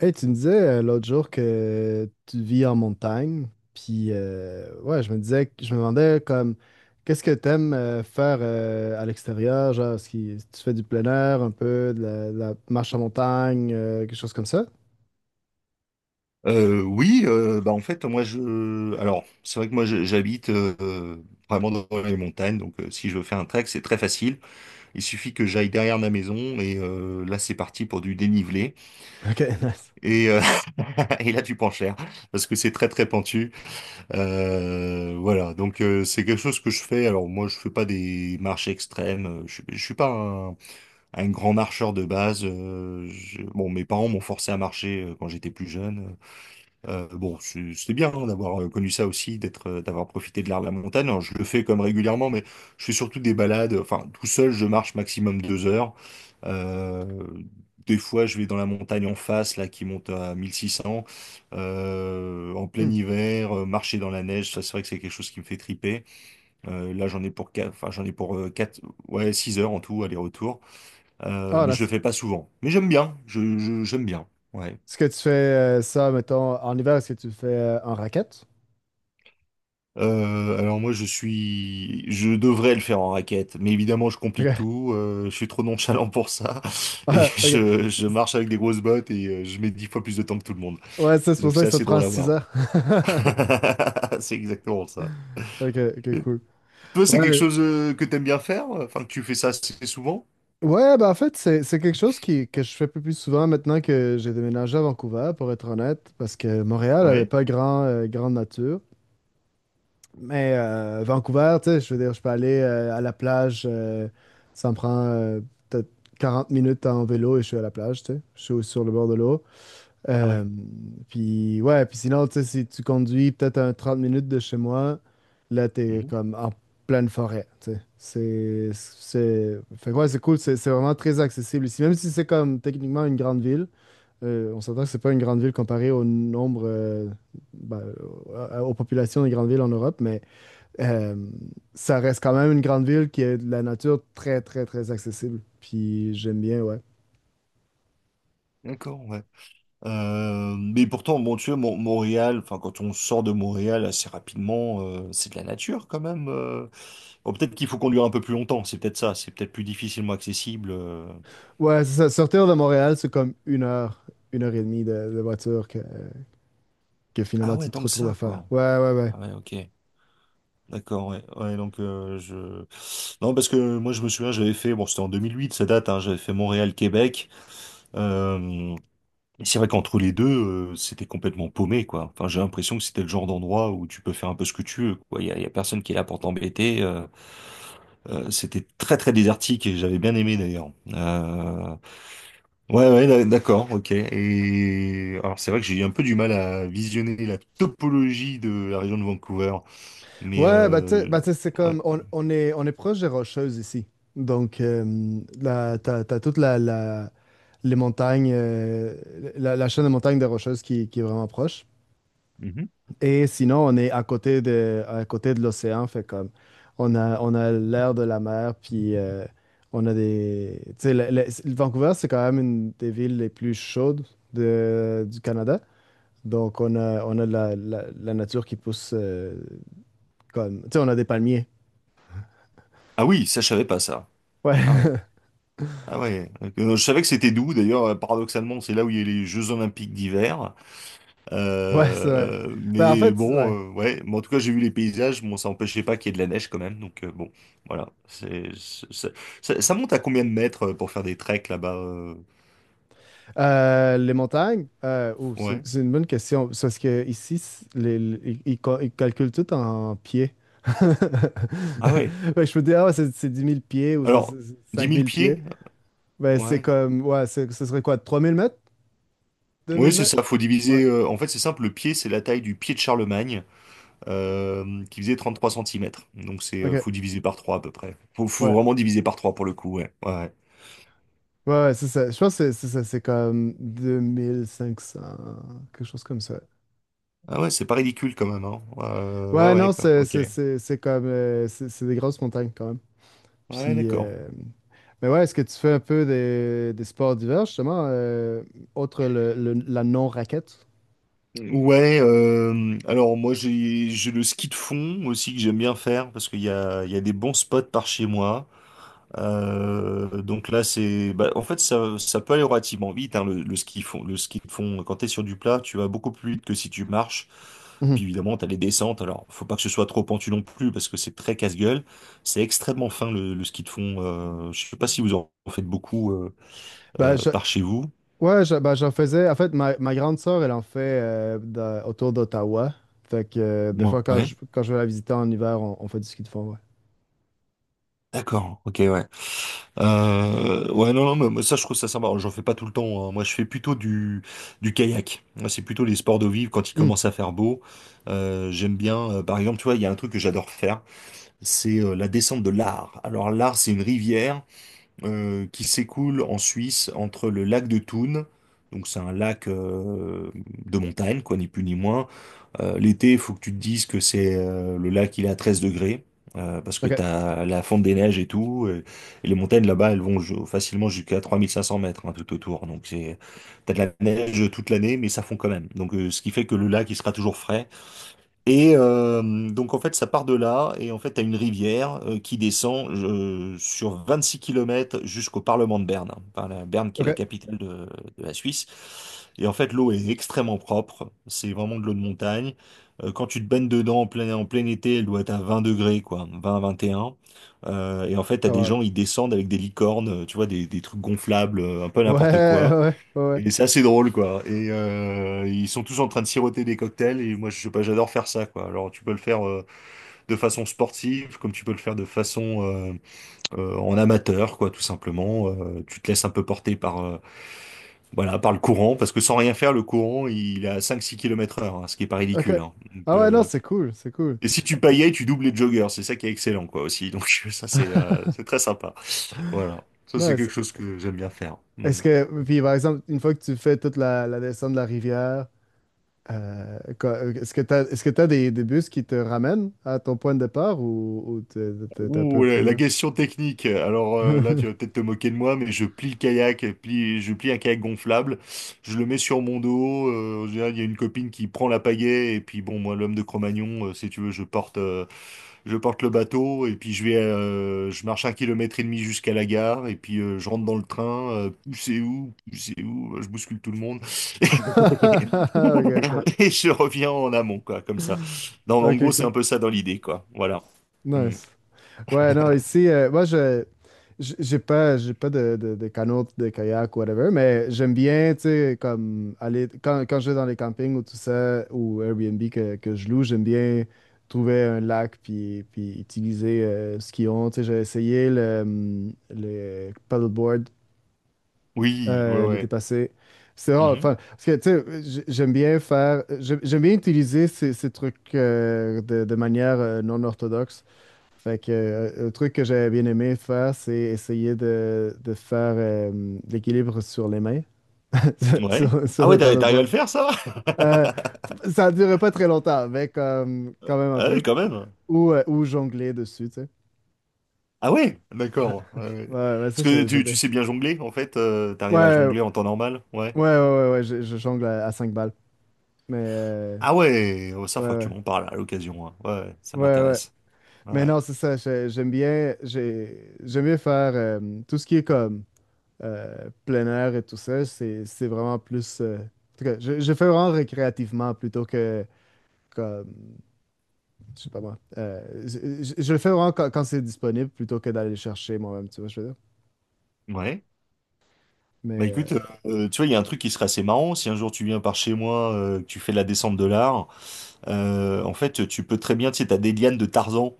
Hey, tu me disais, l'autre jour que tu vis en montagne, puis ouais, je me disais, je me demandais comme, qu'est-ce que t'aimes faire, à l'extérieur, genre, est-ce que tu fais du plein air, un peu, de la marche en montagne, quelque chose comme ça? Oui, bah en fait moi je, alors c'est vrai que j'habite vraiment dans les montagnes, donc si je veux faire un trek, c'est très facile. Il suffit que j'aille derrière ma maison et là c'est parti pour du dénivelé Ok, nice. et, euh, et là tu prends cher parce que c'est très très pentu. Voilà, donc c'est quelque chose que je fais. Alors moi je fais pas des marches extrêmes, je suis pas un grand marcheur de base. Bon, mes parents m'ont forcé à marcher quand j'étais plus jeune. Bon, c'était bien, hein, d'avoir connu ça aussi, d'être, d'avoir profité de l'art de la montagne. Alors, je le fais comme régulièrement, mais je fais surtout des balades. Enfin, tout seul, je marche maximum 2 heures. Euh, des fois, je vais dans la montagne en face, là, qui monte à 1600. En plein Hmm. hiver, marcher dans la neige, ça, c'est vrai que c'est quelque chose qui me fait triper. Là, j'en ai pour quatre, enfin, j'en ai pour quatre, ouais, 6 heures en tout, aller-retour. Ah, Mais je le nice. fais pas souvent. Mais j'aime bien. J'aime bien. Ouais. Est-ce que tu fais, ça, mettons, en hiver, est-ce que tu le fais en raquette? Alors moi je devrais le faire en raquette, mais évidemment je Ok. complique tout. Je suis trop nonchalant pour ça et Ah, ok. Je marche avec des grosses bottes et je mets 10 fois plus de temps que tout le monde. Ouais, ça, c'est pour Donc ça c'est que ça te assez prend drôle à 6 voir. heures. C'est exactement ça. Ok, ok, Et cool. toi, c'est quelque Ouais. chose que t'aimes bien faire, enfin que tu fais ça assez souvent? Ouais, ben en fait, c'est quelque chose qui, que je fais plus souvent maintenant que j'ai déménagé à Vancouver, pour être honnête, parce que Montréal avait Ouais. pas grand, grande nature. Mais Vancouver, tu sais, je veux dire, je peux aller à la plage. Ça me prend, peut-être 40 minutes en vélo, et je suis à la plage, tu sais. Je suis sur le bord de l'eau. Ah Euh, ouais. puis ouais, puis sinon, tu sais, si tu conduis peut-être un 30 minutes de chez moi, là, t'es Mhm. comme en pleine forêt, tu sais. C'est... Fait que ouais, c'est cool, c'est vraiment très accessible ici. Même si c'est comme techniquement une grande ville, on s'entend que c'est pas une grande ville comparée au nombre, ben, aux populations des grandes villes en Europe. Mais euh, ça reste quand même une grande ville qui a de la nature très, très, très accessible. Puis j'aime bien, ouais. D'accord. Ouais. Mais pourtant, bon, tu vois, Montréal, enfin quand on sort de Montréal assez rapidement, c'est de la nature quand même. Oh, peut-être qu'il faut conduire un peu plus longtemps, c'est peut-être ça, c'est peut-être plus difficilement accessible. Ouais, c'est ça. Sortir de Montréal, c'est comme une heure et demie de voiture que Ah finalement ouais, tu te tant que retrouves à ça, faire. quoi. Ouais, ouais, ouais. Ah ouais, ok. D'accord, ouais. Ouais, donc je... Non, parce que moi je me souviens, j'avais fait, bon c'était en 2008, ça date, hein, j'avais fait Montréal-Québec. Euh... et c'est vrai qu'entre les deux, c'était complètement paumé, quoi. Enfin, j'ai l'impression que c'était le genre d'endroit où tu peux faire un peu ce que tu veux, quoi. Il y a personne qui est là pour t'embêter. C'était très très désertique et j'avais bien aimé d'ailleurs. Ouais, ouais, d'accord, ok. Et alors c'est vrai que j'ai eu un peu du mal à visionner la topologie de la région de Vancouver, mais Ouais, bah, tu sais, c'est ouais. comme, on, on est proche des Rocheuses ici. Donc, t'as toute les montagnes, la chaîne de montagnes des Rocheuses qui est vraiment proche. Mhm. Et sinon, on est à côté de l'océan, fait comme on a l'air de la mer, puis on a des. Tu sais, Vancouver, c'est quand même une des villes les plus chaudes du Canada. Donc, on a la nature qui pousse, comme. Tu sais, on a des palmiers. Ah oui, ça je savais pas ça. Ouais, Ah ouais, ah ouais. Je savais que c'était d'où. D'ailleurs, paradoxalement, c'est là où il y a les Jeux Olympiques d'hiver. ouais, c'est vrai. Ben, en Mais fait, ouais. bon, ouais. Mais en tout cas, j'ai vu les paysages. Bon, ça empêchait pas qu'il y ait de la neige quand même. Donc bon, voilà. C'est- Ça, ça monte à combien de mètres pour faire des treks là-bas? Les montagnes, oh, c'est Ouais. c'est une bonne question. C'est parce que ici, ils calculent tout en pieds. Ah ouais. Fait je peux dire, ah, ouais, c'est 10 000 pieds ou c'est Alors, c'est- c'est dix 5 mille 000 pieds. pieds? Ben, c'est Ouais. comme, ouais, ce serait quoi, 3 000 mètres? Deux Oui, mille c'est mètres? ça, faut Ouais, diviser. En fait, c'est simple, le pied, c'est la taille du pied de Charlemagne, qui faisait 33 centimètres. Donc, ok, faut diviser par 3 à peu près. Faut ouais. vraiment diviser par 3 pour le coup, ouais. Ouais. Ouais. Ouais, ouais, c'est ça. Je pense que c'est ça, c'est comme 2 500, quelque chose comme ça. Ah ouais, c'est pas ridicule quand même, hein. Ouais, Ouais, ouais, non, quoi. c'est Ok. c'est- c'est- c'est comme, c'est des grosses montagnes quand même. Ouais, Puis, d'accord. Mais ouais, est-ce que tu fais un peu des sports d'hiver, justement, autre la non-raquette? Ouais, alors moi j'ai le ski de fond aussi que j'aime bien faire parce qu'il y a des bons spots par chez moi. Donc là, c'est, bah, en fait, ça peut aller relativement vite, hein, le ski fond, le ski de fond. Quand t'es sur du plat, tu vas beaucoup plus vite que si tu marches. Puis Mhm. évidemment, t'as les descentes. Alors, faut pas que ce soit trop pentu non plus, parce que c'est très casse-gueule. C'est extrêmement fin le ski de fond. Je sais pas si vous en faites beaucoup Ben, je, par chez vous. ouais, j'en faisais. En fait, ma grande sœur, elle en fait, autour d'Ottawa. Fait que des fois, Ouais. Quand je vais la visiter en hiver, on fait du ski de fond, ouais. D'accord. Ok. Ouais. Ouais, non, non, mais moi, ça, je trouve ça sympa. J'en fais pas tout le temps, hein. Moi, je fais plutôt du kayak. Moi, c'est plutôt les sports d'eau vive quand il Mhm. commence à faire beau. J'aime bien, par exemple, tu vois, il y a un truc que j'adore faire, c'est la descente de l'Ar. Alors, l'Ar, c'est une rivière qui s'écoule en Suisse entre le lac de Thun, donc c'est un lac de montagne, quoi, ni plus ni moins. L'été, il faut que tu te dises que c'est le lac, il est à 13 degrés, parce que OK, t'as la fonte des neiges et tout, et les montagnes là-bas, elles vont facilement jusqu'à 3 500 mètres, hein, tout autour, donc c'est, t'as de la neige toute l'année, mais ça fond quand même. Donc ce qui fait que le lac, il sera toujours frais. Et donc en fait ça part de là et en fait t'as une rivière qui descend sur 6 kilomètres jusqu'au Parlement de Berne, hein. Enfin, la Berne qui est la OK, capitale de la Suisse. Et en fait l'eau est extrêmement propre, c'est vraiment de l'eau de montagne. Quand tu te baignes dedans en plein été, elle doit être à 20 degrés, quoi, 20, 21. Et en fait t'as ça des va. gens, ils descendent avec des licornes, tu vois des trucs gonflables, un peu Ouais, n'importe quoi. ouais, ouais, ouais. Et c'est assez drôle, quoi. Et ils sont tous en train de siroter des cocktails. Et moi, je sais pas, j'adore faire ça, quoi. Alors, tu peux le faire de façon sportive, comme tu peux le faire de façon en amateur, quoi, tout simplement. Tu te laisses un peu porter voilà, par le courant, parce que sans rien faire, le courant, il est à 5-6 km heure, hein, ce qui est pas OK. ridicule, hein. Donc, Ah ouais, non, c'est cool, c'est cool. et si tu paillais, tu doubles les joggers. C'est ça qui est excellent, quoi, aussi. Donc, ça, c'est très sympa. Voilà. Ça, Non, c'est est-ce quelque chose que j'aime bien faire. Hmm. est-ce que, puis par exemple, une fois que tu fais toute la descente de la rivière, est-ce que tu as, est-ce que t'as des bus qui te ramènent à ton point de départ, ou, t'es un peu Ouh, pris la là? question technique. Alors là, tu vas peut-être te moquer de moi, mais je plie le kayak, je plie un kayak gonflable, je le mets sur mon dos. En général, il y a une copine qui prend la pagaie, et puis bon, moi, l'homme de Cro-Magnon, si tu veux, je porte le bateau, et puis je marche un kilomètre et demi jusqu'à la gare, et puis je rentre dans le train. Poussez où, poussez où, je bouscule tout le monde, Ok, ok. et je reviens en amont, quoi, comme ça. Non, mais en Ok, gros, c'est cool. un peu ça dans l'idée, quoi. Voilà. Hmm. Nice. Ouais, non, ici, moi, j'ai pas de canot, de kayak, whatever, mais j'aime bien, tu sais, comme aller, quand je vais dans les campings ou tout ça, ou Airbnb que je loue, j'aime bien trouver un lac, puis utiliser, ce qu'ils ont. Tu sais, j'ai essayé le paddleboard, Oui, ouais, l'été ouais. passé. C'est rare, Mhm. enfin, parce que, tu sais, j'aime bien utiliser ces trucs, de manière, non orthodoxe. Fait que, un truc que j'avais bien aimé faire, c'est essayer de faire, l'équilibre sur les mains, Ouais. Ah sur ouais, le t'arrives à paddleboard. le faire, ça va? Euh, ça ne durait pas très longtemps, mais comme, quand même un Ah ouais, peu. quand même. Ou jongler dessus, tu sais. Ah ouais, d'accord. Ouais. Ouais, ouais, ça, Parce que j'aime tu bien. sais bien jongler, en fait, Ouais, t'arrives à ouais, jongler en temps normal, ouais. ouais, ouais, ouais, je jongle à 5 balles. Mais, Ah ouais, oh, ça, ouais, faut que tu ouais. m'en parles à l'occasion, hein. Ouais, ouais, ça Ouais, ouais. m'intéresse. Mais Ouais. non, c'est ça. J'aime bien, j'aime bien faire, tout ce qui est comme, plein air et tout ça. C'est vraiment plus. En tout cas, je fais vraiment récréativement plutôt que comme. Je sais pas moi. Je le fais vraiment quand c'est disponible plutôt que d'aller le chercher moi-même, tu vois, je veux dire. Ouais. Bah Mais. Écoute, tu vois, il y a un truc qui serait assez marrant, si un jour tu viens par chez moi, que tu fais la descente de l'art. En fait, tu peux très bien, tu sais, t'as des lianes de Tarzan.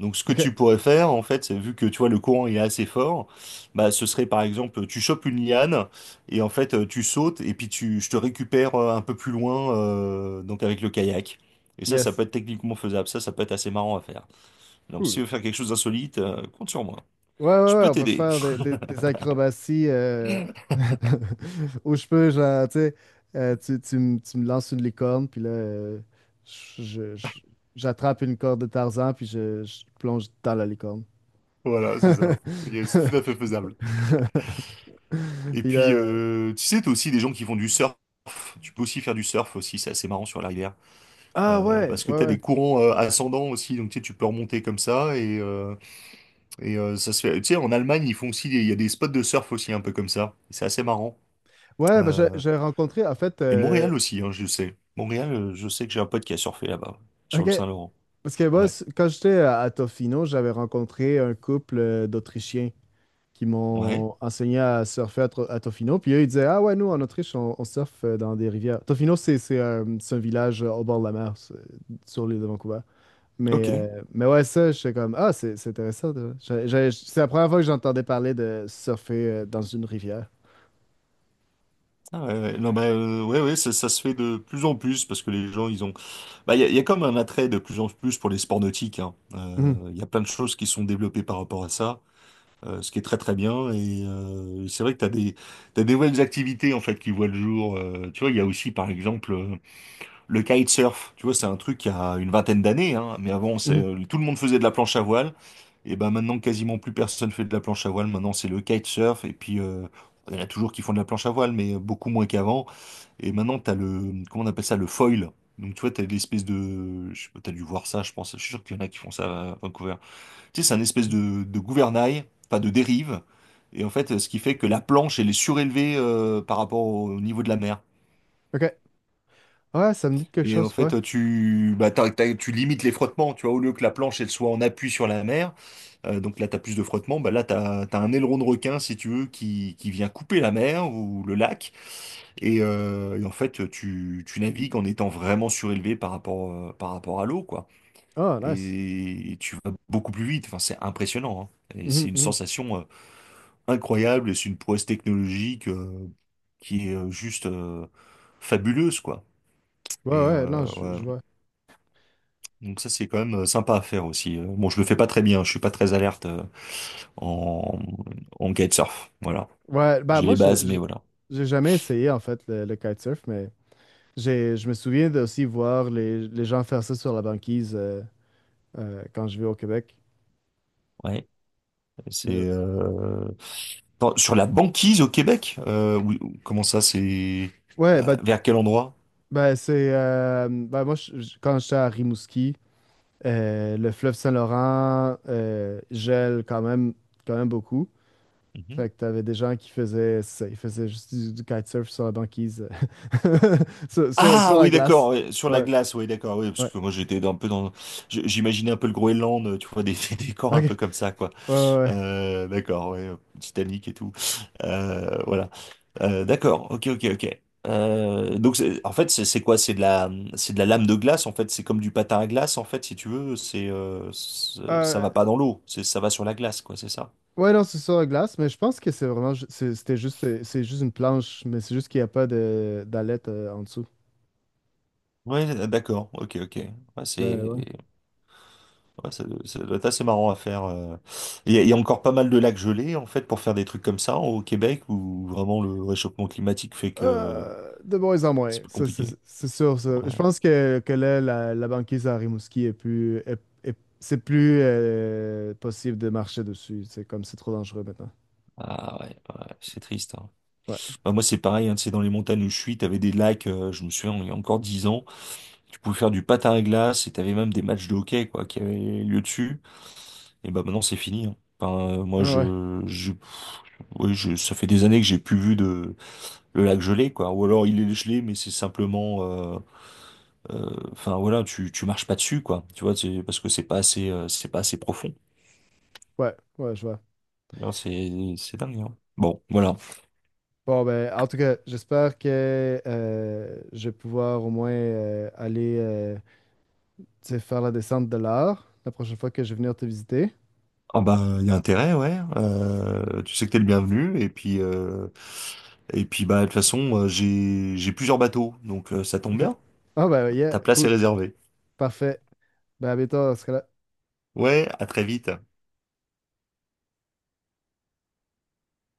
Donc, ce que OK. tu pourrais faire, en fait, vu que tu vois, le courant il est assez fort, bah, ce serait par exemple, tu chopes une liane et en fait, tu sautes et puis je te récupère un peu plus loin, donc avec le kayak. Et ça Yes. peut être techniquement faisable. Ça peut être assez marrant à faire. Donc, si tu Cool. veux faire quelque chose d'insolite, compte sur moi. Ouais, ouais, Je ouais, peux on peut t'aider. faire des acrobaties, où je peux genre, tu sais, tu me lances une licorne, puis là, je- je- je- j'attrape une corde de Tarzan, puis je plonge dans la licorne. Voilà, c'est ça. Et c'est tout à fait faisable. Et Puis puis, là, tu sais, t'as aussi des gens qui font du surf. Tu peux aussi faire du surf aussi. C'est assez marrant sur la rivière. ah ouais, Parce que ouais, tu as ouais. des courants ascendants aussi, donc tu sais, tu peux remonter comme ça. Et ça se fait. Tu sais, en Allemagne, ils font aussi, il y a des spots de surf aussi, un peu comme ça. C'est assez marrant. Ouais, ben, j'ai Euh, j'ai rencontré, en fait, et Montréal aussi, hein, je sais. Montréal, je sais que j'ai un pote qui a surfé là-bas, sur ok, le Saint-Laurent. parce que moi, Ouais, quand j'étais à Tofino, j'avais rencontré un couple, d'Autrichiens qui ouais, m'ont enseigné à surfer à Tofino. Puis eux, ils disaient, ah ouais, nous, en Autriche, on surfe, dans des rivières. Tofino, c'est un village, au bord de la mer, sur l'île de Vancouver. Mais, ok. mais ouais, ça, j'étais comme, ah, c'est intéressant. C'est la première fois que j'entendais parler de surfer, dans une rivière. Ah ouais, ouais. Non, bah, ouais, ouais, ça se fait de plus en plus parce que les gens, ils ont. Bah, il y a comme un attrait de plus en plus pour les sports nautiques, hein. Mhm, Il y a plein de choses qui sont développées par rapport à ça. Ce qui est très très bien. Et c'est vrai que t'as des nouvelles activités en fait qui voient le jour. Tu vois, il y a aussi par exemple le kitesurf. Tu vois, c'est un truc qui a une vingtaine d'années, hein, mais avant, mhm. Tout le monde faisait de la planche à voile. Et ben maintenant, quasiment plus personne fait de la planche à voile. Maintenant, c'est le kitesurf. Et puis, il y en a toujours qui font de la planche à voile, mais beaucoup moins qu'avant. Et maintenant, tu as le, comment on appelle ça, le foil. Donc, tu vois, tu as l'espèce de. Je sais pas, tu as dû voir ça, je pense. Je suis sûr qu'il y en a qui font ça à Vancouver. Tu sais, c'est un espèce de gouvernail, enfin de dérive. Et en fait, ce qui fait que la planche, elle est surélevée par rapport au niveau de la mer. OK. Ouais, ça me dit de quelque Et en chose, ouais. fait, bah, tu limites les frottements, tu vois, au lieu que la planche, elle soit en appui sur la mer, donc là, tu as plus de frottements, bah, là, tu as, un aileron de requin, si tu veux, qui vient couper la mer ou le lac, et en fait, tu navigues en étant vraiment surélevé par rapport à l'eau, quoi. Ah, nice. Et tu vas beaucoup plus vite. Enfin, c'est impressionnant, hein. Et c'est Mhm, une mhm. sensation incroyable et c'est une prouesse technologique qui est juste fabuleuse, quoi. Ouais, Et ouais, non, je ouais. vois. Donc ça, c'est quand même sympa à faire aussi. Bon, je le fais pas très bien, je suis pas très alerte en, en kitesurf. Voilà. Ouais, bah J'ai moi, les bases, mais voilà. j'ai jamais essayé, en fait, le kitesurf, mais... Je me souviens de aussi voir les gens faire ça sur la banquise, quand je vais au Québec. Ouais, c'est Mais- attends, sur la banquise au Québec. Euh, oui, comment ça, c'est ouais, vers quel endroit? bah, c'est. Bah, moi, quand j'étais à Rimouski, le fleuve Saint-Laurent, gèle quand même beaucoup. Fait que t'avais des gens qui faisaient ça, ils faisaient juste du kitesurf sur la banquise, euh, Ah sur oui, la d'accord, glace. ouais, sur la Ouais, glace, oui, d'accord, oui, parce ouais. que moi j'étais un peu dans, j'imaginais un peu le Groenland, tu vois, des, des décors Ok, un ouais, peu comme ça, quoi. ouais, ouais. D'accord, ouais, Titanic et tout. Voilà. D'accord, ok, ok, ok. En fait, c'est quoi? C'est de la lame de glace, en fait. C'est comme du patin à glace, en fait, si tu veux. Ça Euh, va pas dans l'eau, c'est, ça va sur la glace, quoi, c'est ça. Ouais, non, c'est sur la glace, mais je pense que c'est vraiment, c'est juste une planche, mais c'est juste qu'il n'y a pas de d'ailettes, en dessous. Ouais, d'accord, ok, ok. Ouais, Mais c'est ouais. Ouais, ça doit être assez marrant à faire. Il y a encore pas mal de lacs gelés, en fait, pour faire des trucs comme ça au Québec, où vraiment le réchauffement climatique fait que De moins en moins, c'est plus ça, c'est compliqué. c'est sûr, ça. Ouais. Je pense que là, la banquise à Rimouski est plus, c'est plus, possible de marcher dessus. C'est comme c'est trop dangereux maintenant. Ah ouais, ouais, c'est triste, hein. Ouais, Bah, moi, c'est pareil, hein, tu sais, dans les montagnes où je suis, t'avais des lacs, je me souviens, il y a encore 10 ans, tu pouvais faire du patin à glace et t'avais même des matchs de hockey, quoi, qui avaient lieu dessus. Et bah maintenant, c'est fini, hein. Enfin, ah ouais, ouais, ça fait des années que j'ai plus vu de le lac gelé, quoi. Ou alors, il est gelé, mais c'est enfin voilà, tu marches pas dessus quoi. Tu vois, c'est parce que c'est pas assez profond. ouais, ouais, je vois. Non, C'est dingue, hein. Bon, voilà. Bon, ben, en tout cas, j'espère que, je vais pouvoir au moins, aller, tu sais, faire la descente de l'art la prochaine fois que je vais venir te visiter. Ah bah il y a intérêt, ouais. Tu sais que t'es le bienvenu et puis bah de toute façon j'ai plusieurs bateaux donc ça tombe OK. bien. Ah, bah, yeah, Ta place est cool. réservée. Parfait. Ben, à bientôt, dans ce cas-là. Ouais, à très vite.